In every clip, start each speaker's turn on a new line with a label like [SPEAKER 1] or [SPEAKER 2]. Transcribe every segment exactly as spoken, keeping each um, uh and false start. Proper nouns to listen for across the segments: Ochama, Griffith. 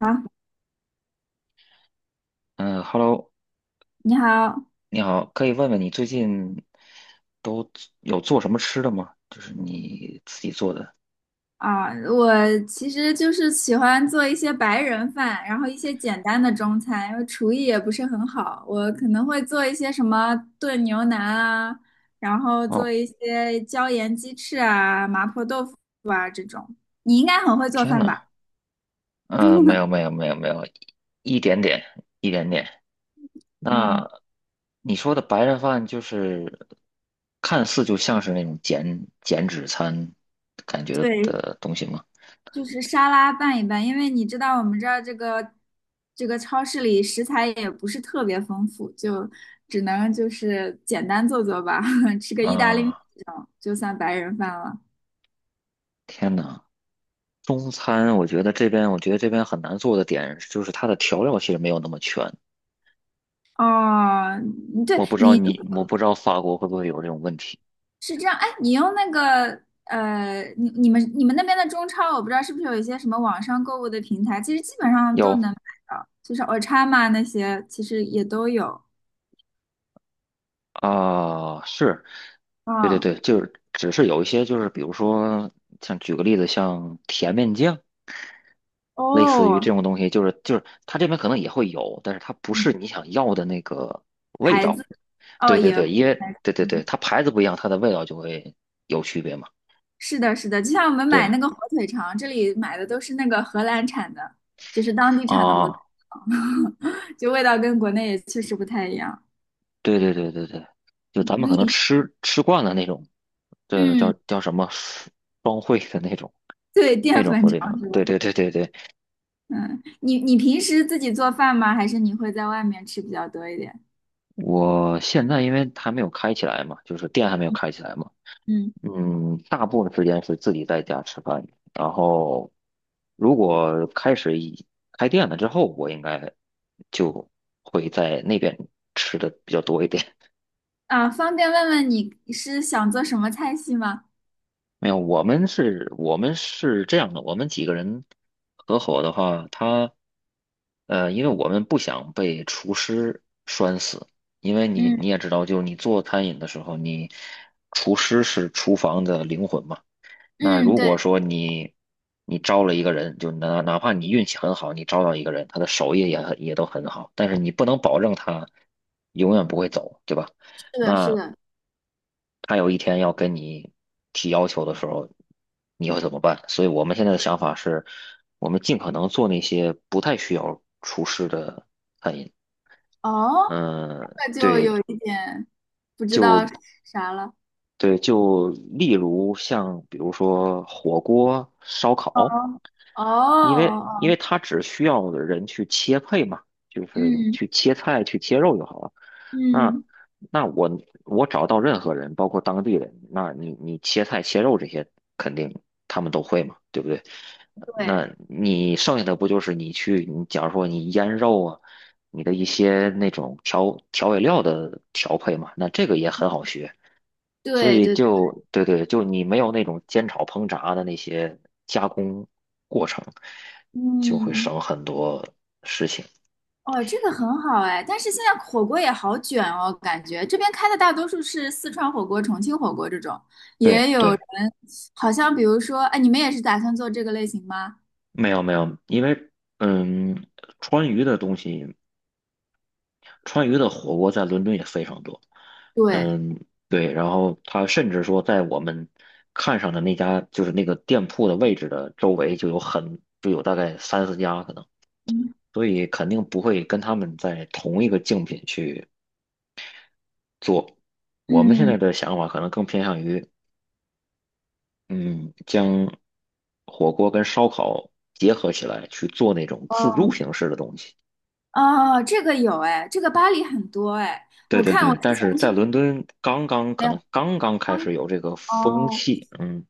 [SPEAKER 1] 好，
[SPEAKER 2] 嗯，Hello，
[SPEAKER 1] 你好。
[SPEAKER 2] 你好，可以问问你最近都做有做什么吃的吗？就是你自己做的。
[SPEAKER 1] 啊，我其实就是喜欢做一些白人饭，然后一些简单的中餐，因为厨艺也不是很好，我可能会做一些什么炖牛腩啊，然后做
[SPEAKER 2] 哦，
[SPEAKER 1] 一些椒盐鸡翅啊、麻婆豆腐啊这种。你应该很会做
[SPEAKER 2] 天
[SPEAKER 1] 饭
[SPEAKER 2] 呐，
[SPEAKER 1] 吧？
[SPEAKER 2] 嗯，没有没有没有没有，一点点一点点。
[SPEAKER 1] 嗯，
[SPEAKER 2] 那你说的白人饭就是看似就像是那种减减脂餐感觉
[SPEAKER 1] 对。
[SPEAKER 2] 的东西吗？
[SPEAKER 1] 就是沙拉拌一拌，因为你知道我们这儿这个这个超市里食材也不是特别丰富，就只能就是简单做做吧，吃个意大利面
[SPEAKER 2] 啊，
[SPEAKER 1] 这种就算白人饭了。
[SPEAKER 2] 天呐，中餐我觉得这边我觉得这边很难做的点就是它的调料其实没有那么全。
[SPEAKER 1] 哦，你对，
[SPEAKER 2] 我不知道
[SPEAKER 1] 你
[SPEAKER 2] 你，我不知道法国会不会有这种问题。
[SPEAKER 1] 是这样，哎，你用那个呃，你你们你们那边的中超，我不知道是不是有一些什么网上购物的平台，其实基本上都
[SPEAKER 2] 有
[SPEAKER 1] 能买到，就是 Ochama 那些其实也都有。
[SPEAKER 2] 啊，是，对对
[SPEAKER 1] 嗯，
[SPEAKER 2] 对，就是只是有一些，就是比如说，像举个例子，像甜面酱，类似于
[SPEAKER 1] 哦，
[SPEAKER 2] 这种东西，就是就是它这边可能也会有，但是它不
[SPEAKER 1] 嗯
[SPEAKER 2] 是你想要的那个味
[SPEAKER 1] 牌子，
[SPEAKER 2] 道。
[SPEAKER 1] 哦
[SPEAKER 2] 对对
[SPEAKER 1] 也。
[SPEAKER 2] 对，因为对对对，
[SPEAKER 1] 嗯，
[SPEAKER 2] 它牌子不一样，它的味道就会有区别嘛。
[SPEAKER 1] 是的，是的，就像我们买
[SPEAKER 2] 对
[SPEAKER 1] 那个火腿肠，这里买的都是那个荷兰产的，就是当地产的火腿
[SPEAKER 2] 啊，
[SPEAKER 1] 肠，就味道跟国内也确实不太一样。
[SPEAKER 2] 对对对对对，就咱们可能
[SPEAKER 1] 你，
[SPEAKER 2] 吃吃惯了那种，这叫
[SPEAKER 1] 嗯，
[SPEAKER 2] 叫什么双双汇的那种
[SPEAKER 1] 对，
[SPEAKER 2] 那
[SPEAKER 1] 淀
[SPEAKER 2] 种
[SPEAKER 1] 粉
[SPEAKER 2] 火腿
[SPEAKER 1] 肠
[SPEAKER 2] 肠。
[SPEAKER 1] 是
[SPEAKER 2] 对
[SPEAKER 1] 吧？
[SPEAKER 2] 对对对对，
[SPEAKER 1] 嗯，你你平时自己做饭吗？还是你会在外面吃比较多一点？
[SPEAKER 2] 我现在因为还没有开起来嘛，就是店还没有开起来嘛，
[SPEAKER 1] 嗯，
[SPEAKER 2] 嗯，大部分时间是自己在家吃饭。然后如果开始一开店了之后，我应该就会在那边吃的比较多一点。
[SPEAKER 1] 啊，方便问问你是想做什么菜系吗？
[SPEAKER 2] 没有，我们是，我们是这样的，我们几个人合伙的话，他，呃，因为我们不想被厨师拴死，因为你
[SPEAKER 1] 嗯
[SPEAKER 2] 你也知道，就是你做餐饮的时候，你厨师是厨房的灵魂嘛。那
[SPEAKER 1] 嗯，
[SPEAKER 2] 如果
[SPEAKER 1] 对，
[SPEAKER 2] 说你你招了一个人，就哪哪怕你运气很好，你招到一个人，他的手艺也很也都很好，但是你不能保证他永远不会走，对吧？
[SPEAKER 1] 是的，是
[SPEAKER 2] 那
[SPEAKER 1] 的。
[SPEAKER 2] 他有一天要跟你提要求的时候，你会怎么办？所以我们现在的想法是，我们尽可能做那些不太需要厨师的餐饮。
[SPEAKER 1] 哦，
[SPEAKER 2] 嗯，
[SPEAKER 1] 那就有
[SPEAKER 2] 对
[SPEAKER 1] 一点不知道啥了。
[SPEAKER 2] 对，就例如像比如说火锅、烧
[SPEAKER 1] 哦
[SPEAKER 2] 烤。
[SPEAKER 1] 哦
[SPEAKER 2] 因为因为
[SPEAKER 1] 哦，
[SPEAKER 2] 它只需要人去切配嘛，就是
[SPEAKER 1] 嗯。
[SPEAKER 2] 去切菜、去切肉就好了。那
[SPEAKER 1] 嗯，
[SPEAKER 2] 那我我找到任何人，包括当地人，那你你切菜切肉这些肯定他们都会嘛，对不对？
[SPEAKER 1] 对
[SPEAKER 2] 那你剩下的不就是你去，你假如说你腌肉啊，你的一些那种调调味料的调配嘛，那这个也很好学。所
[SPEAKER 1] 对
[SPEAKER 2] 以
[SPEAKER 1] 对对，
[SPEAKER 2] 就对对，就你没有那种煎炒烹炸的那些加工过程，就会
[SPEAKER 1] 嗯，
[SPEAKER 2] 省很多事情。
[SPEAKER 1] 哦，这个很好哎，但是现在火锅也好卷哦，感觉这边开的大多数是四川火锅、重庆火锅这种，也
[SPEAKER 2] 对
[SPEAKER 1] 有
[SPEAKER 2] 对，
[SPEAKER 1] 人好像比如说，哎，你们也是打算做这个类型吗？
[SPEAKER 2] 没有没有，因为嗯，川渝的东西，川渝的火锅在伦敦也非常多。
[SPEAKER 1] 对，
[SPEAKER 2] 嗯，对，然后他甚至说，在我们看上的那家就是那个店铺的位置的周围，就有很就有大概三四家可能，
[SPEAKER 1] 嗯
[SPEAKER 2] 所以肯定不会跟他们在同一个竞品去做。我们现在
[SPEAKER 1] 嗯，
[SPEAKER 2] 的想法可能更偏向于，嗯，将火锅跟烧烤结合起来去做那种自助
[SPEAKER 1] 哦
[SPEAKER 2] 形式的东西。
[SPEAKER 1] 哦，这个有哎，这个巴黎很多哎，
[SPEAKER 2] 对
[SPEAKER 1] 我
[SPEAKER 2] 对
[SPEAKER 1] 看我
[SPEAKER 2] 对，
[SPEAKER 1] 之
[SPEAKER 2] 但是
[SPEAKER 1] 前
[SPEAKER 2] 在
[SPEAKER 1] 去，
[SPEAKER 2] 伦敦刚刚
[SPEAKER 1] 没
[SPEAKER 2] 可
[SPEAKER 1] 有，
[SPEAKER 2] 能刚刚
[SPEAKER 1] 巴，
[SPEAKER 2] 开始有这个风
[SPEAKER 1] 哦，
[SPEAKER 2] 气，嗯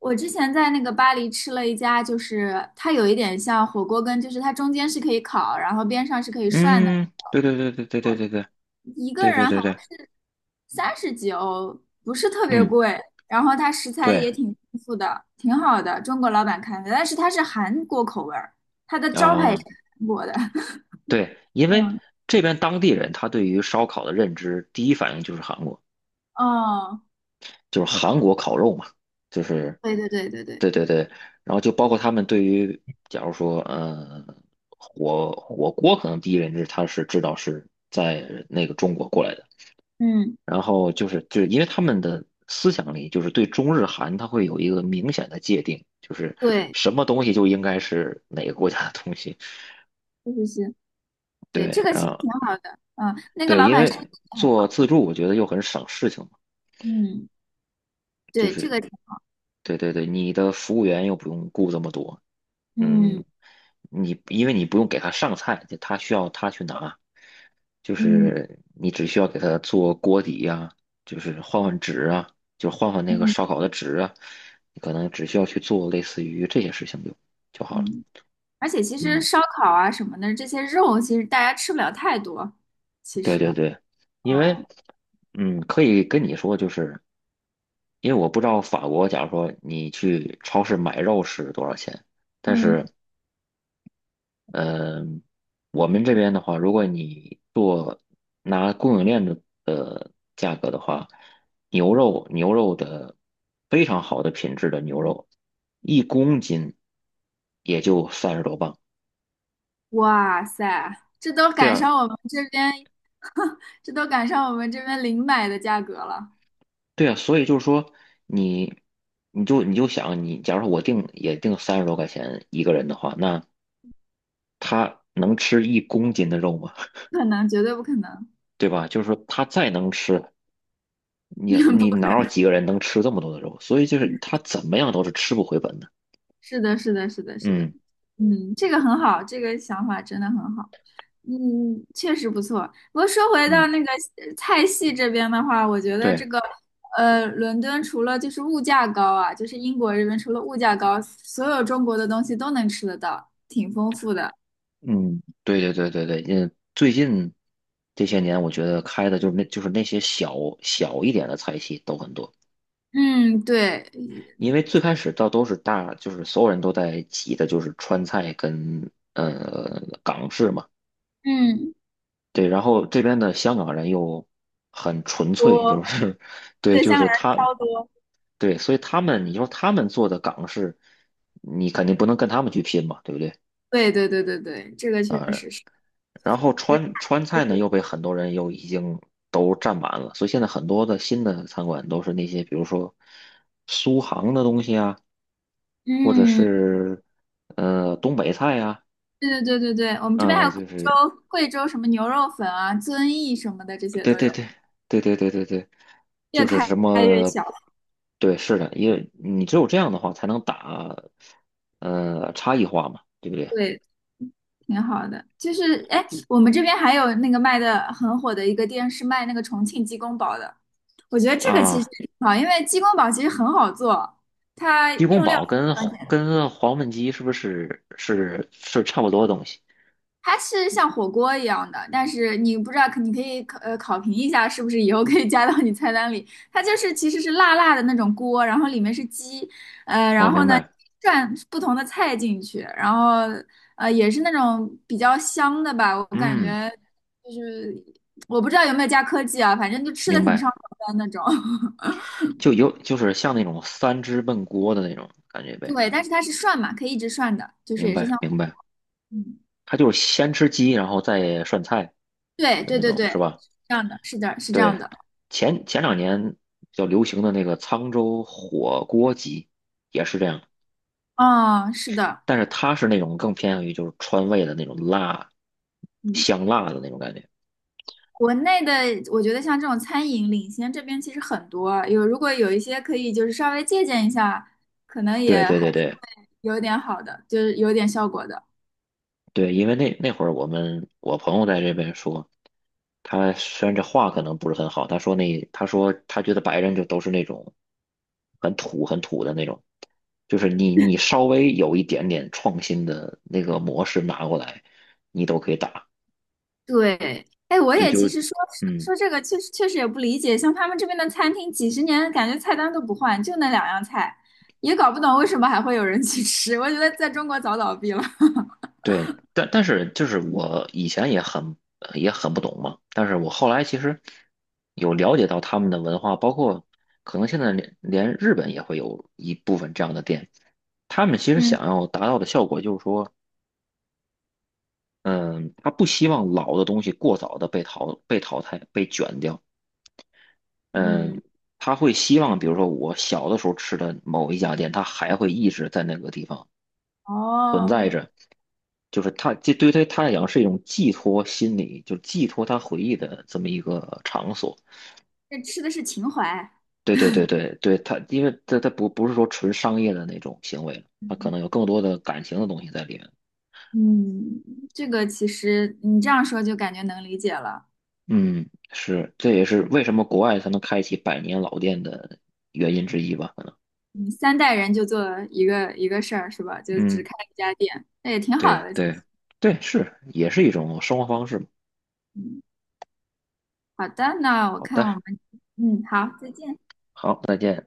[SPEAKER 1] 我之前在那个巴黎吃了一家，就是它有一点像火锅跟就是它中间是可以烤，然后边上是可以涮的，
[SPEAKER 2] 嗯，对对对对对对对对
[SPEAKER 1] 一个
[SPEAKER 2] 对
[SPEAKER 1] 人
[SPEAKER 2] 对
[SPEAKER 1] 好
[SPEAKER 2] 对对，
[SPEAKER 1] 像是三十几欧，不是特别
[SPEAKER 2] 嗯
[SPEAKER 1] 贵，然后它食材也
[SPEAKER 2] 对
[SPEAKER 1] 挺丰富的，挺好的，中国老板开的，但是它是韩国口味儿，它的招牌也是
[SPEAKER 2] 啊、
[SPEAKER 1] 韩国的。
[SPEAKER 2] 对，因为
[SPEAKER 1] 嗯，
[SPEAKER 2] 这边当地人他对于烧烤的认知，第一反应就是韩国。
[SPEAKER 1] 哦，
[SPEAKER 2] 就是韩国烤肉嘛，就是
[SPEAKER 1] 对对对对对，
[SPEAKER 2] 对对对，然后就包括他们对于，假如说，呃，火火锅可能第一认知他是知道是在那个中国过来的，
[SPEAKER 1] 嗯，
[SPEAKER 2] 然后就是就是因为他们的思想里就是对中日韩它会有一个明显的界定，就是
[SPEAKER 1] 对，
[SPEAKER 2] 什么东西就应该是哪个国家的东西，
[SPEAKER 1] 确实是，对，
[SPEAKER 2] 对，
[SPEAKER 1] 这个
[SPEAKER 2] 然
[SPEAKER 1] 其实
[SPEAKER 2] 后
[SPEAKER 1] 挺好的，嗯，那个
[SPEAKER 2] 对，
[SPEAKER 1] 老
[SPEAKER 2] 因
[SPEAKER 1] 板身体
[SPEAKER 2] 为
[SPEAKER 1] 很
[SPEAKER 2] 做
[SPEAKER 1] 好，
[SPEAKER 2] 自助我觉得又很省事情嘛，
[SPEAKER 1] 嗯，
[SPEAKER 2] 就
[SPEAKER 1] 对，这
[SPEAKER 2] 是
[SPEAKER 1] 个挺，
[SPEAKER 2] 对对对，你的服务员又不用雇这么多，嗯，
[SPEAKER 1] 嗯
[SPEAKER 2] 你因为你不用给他上菜，就他需要他去拿，就
[SPEAKER 1] 嗯。
[SPEAKER 2] 是你只需要给他做锅底呀、就是换换纸啊，就换换那个
[SPEAKER 1] 嗯
[SPEAKER 2] 烧烤的纸啊，你可能只需要去做类似于这些事情就就好了。
[SPEAKER 1] 嗯，而且其实
[SPEAKER 2] 嗯，
[SPEAKER 1] 烧烤啊什么的这些肉，其实大家吃不了太多。其
[SPEAKER 2] 对
[SPEAKER 1] 实，
[SPEAKER 2] 对对，因为
[SPEAKER 1] 嗯
[SPEAKER 2] 嗯，可以跟你说，就是因为我不知道法国，假如说你去超市买肉是多少钱，但是
[SPEAKER 1] 嗯，
[SPEAKER 2] 嗯，我们这边的话，如果你做拿供应链的的价格的话，牛肉牛肉的非常好的品质的牛肉，一公斤也就三十多磅。
[SPEAKER 1] 哇塞，这都
[SPEAKER 2] 对
[SPEAKER 1] 赶
[SPEAKER 2] 啊，
[SPEAKER 1] 上我们这边，这都赶上我们这边零买的价格了，
[SPEAKER 2] 对啊，所以就是说你你就你就想你，假如说我定也定三十多块钱一个人的话，那他能吃一公斤的肉吗？
[SPEAKER 1] 不可能，绝对不可能。
[SPEAKER 2] 对吧？就是说他再能吃，你你 哪有几个人能吃这么多的肉？所以就是他怎么样都是吃不回本的。
[SPEAKER 1] 是的，是的，是的，是的，
[SPEAKER 2] 嗯
[SPEAKER 1] 嗯，这个很好，这个想法真的很好，嗯，确实不错。不过说回到
[SPEAKER 2] 嗯，
[SPEAKER 1] 那个呃菜系这边的话，我觉得这
[SPEAKER 2] 对，
[SPEAKER 1] 个呃，伦敦除了就是物价高啊，就是英国这边除了物价高，所有中国的东西都能吃得到，挺丰富的。
[SPEAKER 2] 嗯对对对对对，嗯，最近这些年我觉得开的就是那就是那些小小一点的菜系都很多，
[SPEAKER 1] 嗯，对，
[SPEAKER 2] 因为最开始倒都是大，就是所有人都在挤的就是川菜跟呃港式嘛，
[SPEAKER 1] 嗯，
[SPEAKER 2] 对，然后这边的香港人又很纯粹，就
[SPEAKER 1] 多，
[SPEAKER 2] 是 对，
[SPEAKER 1] 对，
[SPEAKER 2] 就
[SPEAKER 1] 香港
[SPEAKER 2] 是
[SPEAKER 1] 人超
[SPEAKER 2] 他。
[SPEAKER 1] 多。
[SPEAKER 2] 对，所以他们，你说他们做的港式，你肯定不能跟他们去拼嘛，对不对？
[SPEAKER 1] 对对对对对，这个确
[SPEAKER 2] 啊，
[SPEAKER 1] 实是。
[SPEAKER 2] 然后川川菜呢，又被很多人又已经都占满了，所以现在很多的新的餐馆都是那些，比如说苏杭的东西啊，或者
[SPEAKER 1] 嗯。
[SPEAKER 2] 是呃东北菜呀、
[SPEAKER 1] 对对对对对，我们这边还
[SPEAKER 2] 啊，
[SPEAKER 1] 有贵
[SPEAKER 2] 就
[SPEAKER 1] 州
[SPEAKER 2] 是
[SPEAKER 1] 贵州什么牛肉粉啊、遵义什么的，这些
[SPEAKER 2] 对
[SPEAKER 1] 都
[SPEAKER 2] 对
[SPEAKER 1] 有，
[SPEAKER 2] 对对对对对对，
[SPEAKER 1] 越
[SPEAKER 2] 就是
[SPEAKER 1] 开
[SPEAKER 2] 什
[SPEAKER 1] 越
[SPEAKER 2] 么，
[SPEAKER 1] 小，
[SPEAKER 2] 对，是的，因为你只有这样的话，才能打呃差异化嘛，对不对？
[SPEAKER 1] 对，挺好的。就是哎，我们这边还有那个卖的很火的一个店，是卖那个重庆鸡公煲的。我觉得这个其实
[SPEAKER 2] 啊，
[SPEAKER 1] 也挺好，因为鸡公煲其实很好做，它
[SPEAKER 2] 鸡公
[SPEAKER 1] 用料
[SPEAKER 2] 煲跟跟黄焖鸡是不是是是差不多的东西？
[SPEAKER 1] 它是像火锅一样的，但是你不知道，你可以考呃考评一下，是不是以后可以加到你菜单里。它就是其实是辣辣的那种锅，然后里面是鸡，呃，
[SPEAKER 2] 哦，
[SPEAKER 1] 然后
[SPEAKER 2] 明
[SPEAKER 1] 呢
[SPEAKER 2] 白，
[SPEAKER 1] 涮不同的菜进去，然后呃也是那种比较香的吧，我感
[SPEAKER 2] 嗯，
[SPEAKER 1] 觉就是我不知道有没有加科技啊，反正就吃的
[SPEAKER 2] 明
[SPEAKER 1] 挺上
[SPEAKER 2] 白，
[SPEAKER 1] 头的那种。
[SPEAKER 2] 就有就是像那种三汁焖锅的那种感觉呗，
[SPEAKER 1] 对，但是它是涮嘛，可以一直涮的，就是
[SPEAKER 2] 明
[SPEAKER 1] 也是
[SPEAKER 2] 白
[SPEAKER 1] 像火
[SPEAKER 2] 明
[SPEAKER 1] 锅，
[SPEAKER 2] 白，
[SPEAKER 1] 嗯，
[SPEAKER 2] 它就是先吃鸡，然后再涮菜
[SPEAKER 1] 对
[SPEAKER 2] 的
[SPEAKER 1] 对
[SPEAKER 2] 那
[SPEAKER 1] 对
[SPEAKER 2] 种，
[SPEAKER 1] 对，
[SPEAKER 2] 是吧？
[SPEAKER 1] 是这样的，是的，是这样
[SPEAKER 2] 对，
[SPEAKER 1] 的，
[SPEAKER 2] 前前两年比较流行的那个沧州火锅鸡也是这样，
[SPEAKER 1] 啊、是的。
[SPEAKER 2] 但是它是那种更偏向于就是川味的那种辣，
[SPEAKER 1] 嗯。
[SPEAKER 2] 香辣的那种感觉。
[SPEAKER 1] 国内的，我觉得像这种餐饮领先这边其实很多啊，有如果有一些可以就是稍微借鉴一下，可能也
[SPEAKER 2] 对对
[SPEAKER 1] 还
[SPEAKER 2] 对
[SPEAKER 1] 是
[SPEAKER 2] 对，
[SPEAKER 1] 有点好的，就是有点效果的。
[SPEAKER 2] 对，因为那那会儿我们我朋友在这边说，他虽然这话可能不是很好，他说那他说他觉得白人就都是那种很土很土的那种，就是你你稍微有一点点创新的那个模式拿过来，你都可以打，
[SPEAKER 1] 对，哎，我
[SPEAKER 2] 就
[SPEAKER 1] 也
[SPEAKER 2] 就
[SPEAKER 1] 其实说
[SPEAKER 2] 嗯。
[SPEAKER 1] 说这个，确实确实也不理解，像他们这边的餐厅几十年感觉菜单都不换，就那两样菜，也搞不懂为什么还会有人去吃。我觉得在中国早倒闭了。
[SPEAKER 2] 对，但但是就是我以前也很呃也很不懂嘛，但是我后来其实有了解到他们的文化，包括可能现在连连日本也会有一部分这样的店，他们其实
[SPEAKER 1] 嗯
[SPEAKER 2] 想要达到的效果就是说，嗯，他不希望老的东西过早的被淘被淘汰被卷掉，嗯，
[SPEAKER 1] 嗯，
[SPEAKER 2] 他会希望比如说我小的时候吃的某一家店，它还会一直在那个地方存在
[SPEAKER 1] 哦，
[SPEAKER 2] 着。就是他这对于他他来讲是一种寄托心理，就是寄托他回忆的这么一个场所。
[SPEAKER 1] 这吃的是情怀。
[SPEAKER 2] 对对对对对，他因为他他不不是说纯商业的那种行为了，他可能有更多的感情的东西在里面。
[SPEAKER 1] 嗯，这个其实你这样说就感觉能理解了。
[SPEAKER 2] 嗯，是，这也是为什么国外才能开启百年老店的原因之一吧？可能。
[SPEAKER 1] 嗯，三代人就做一个一个事儿是吧？就只
[SPEAKER 2] 嗯，
[SPEAKER 1] 开一家店，那也挺好
[SPEAKER 2] 对
[SPEAKER 1] 的。
[SPEAKER 2] 对对，是，也是一种生活方式嘛，
[SPEAKER 1] 嗯，好的，那我
[SPEAKER 2] 好
[SPEAKER 1] 看我
[SPEAKER 2] 的，
[SPEAKER 1] 们，嗯，好，再见。
[SPEAKER 2] 好，再见。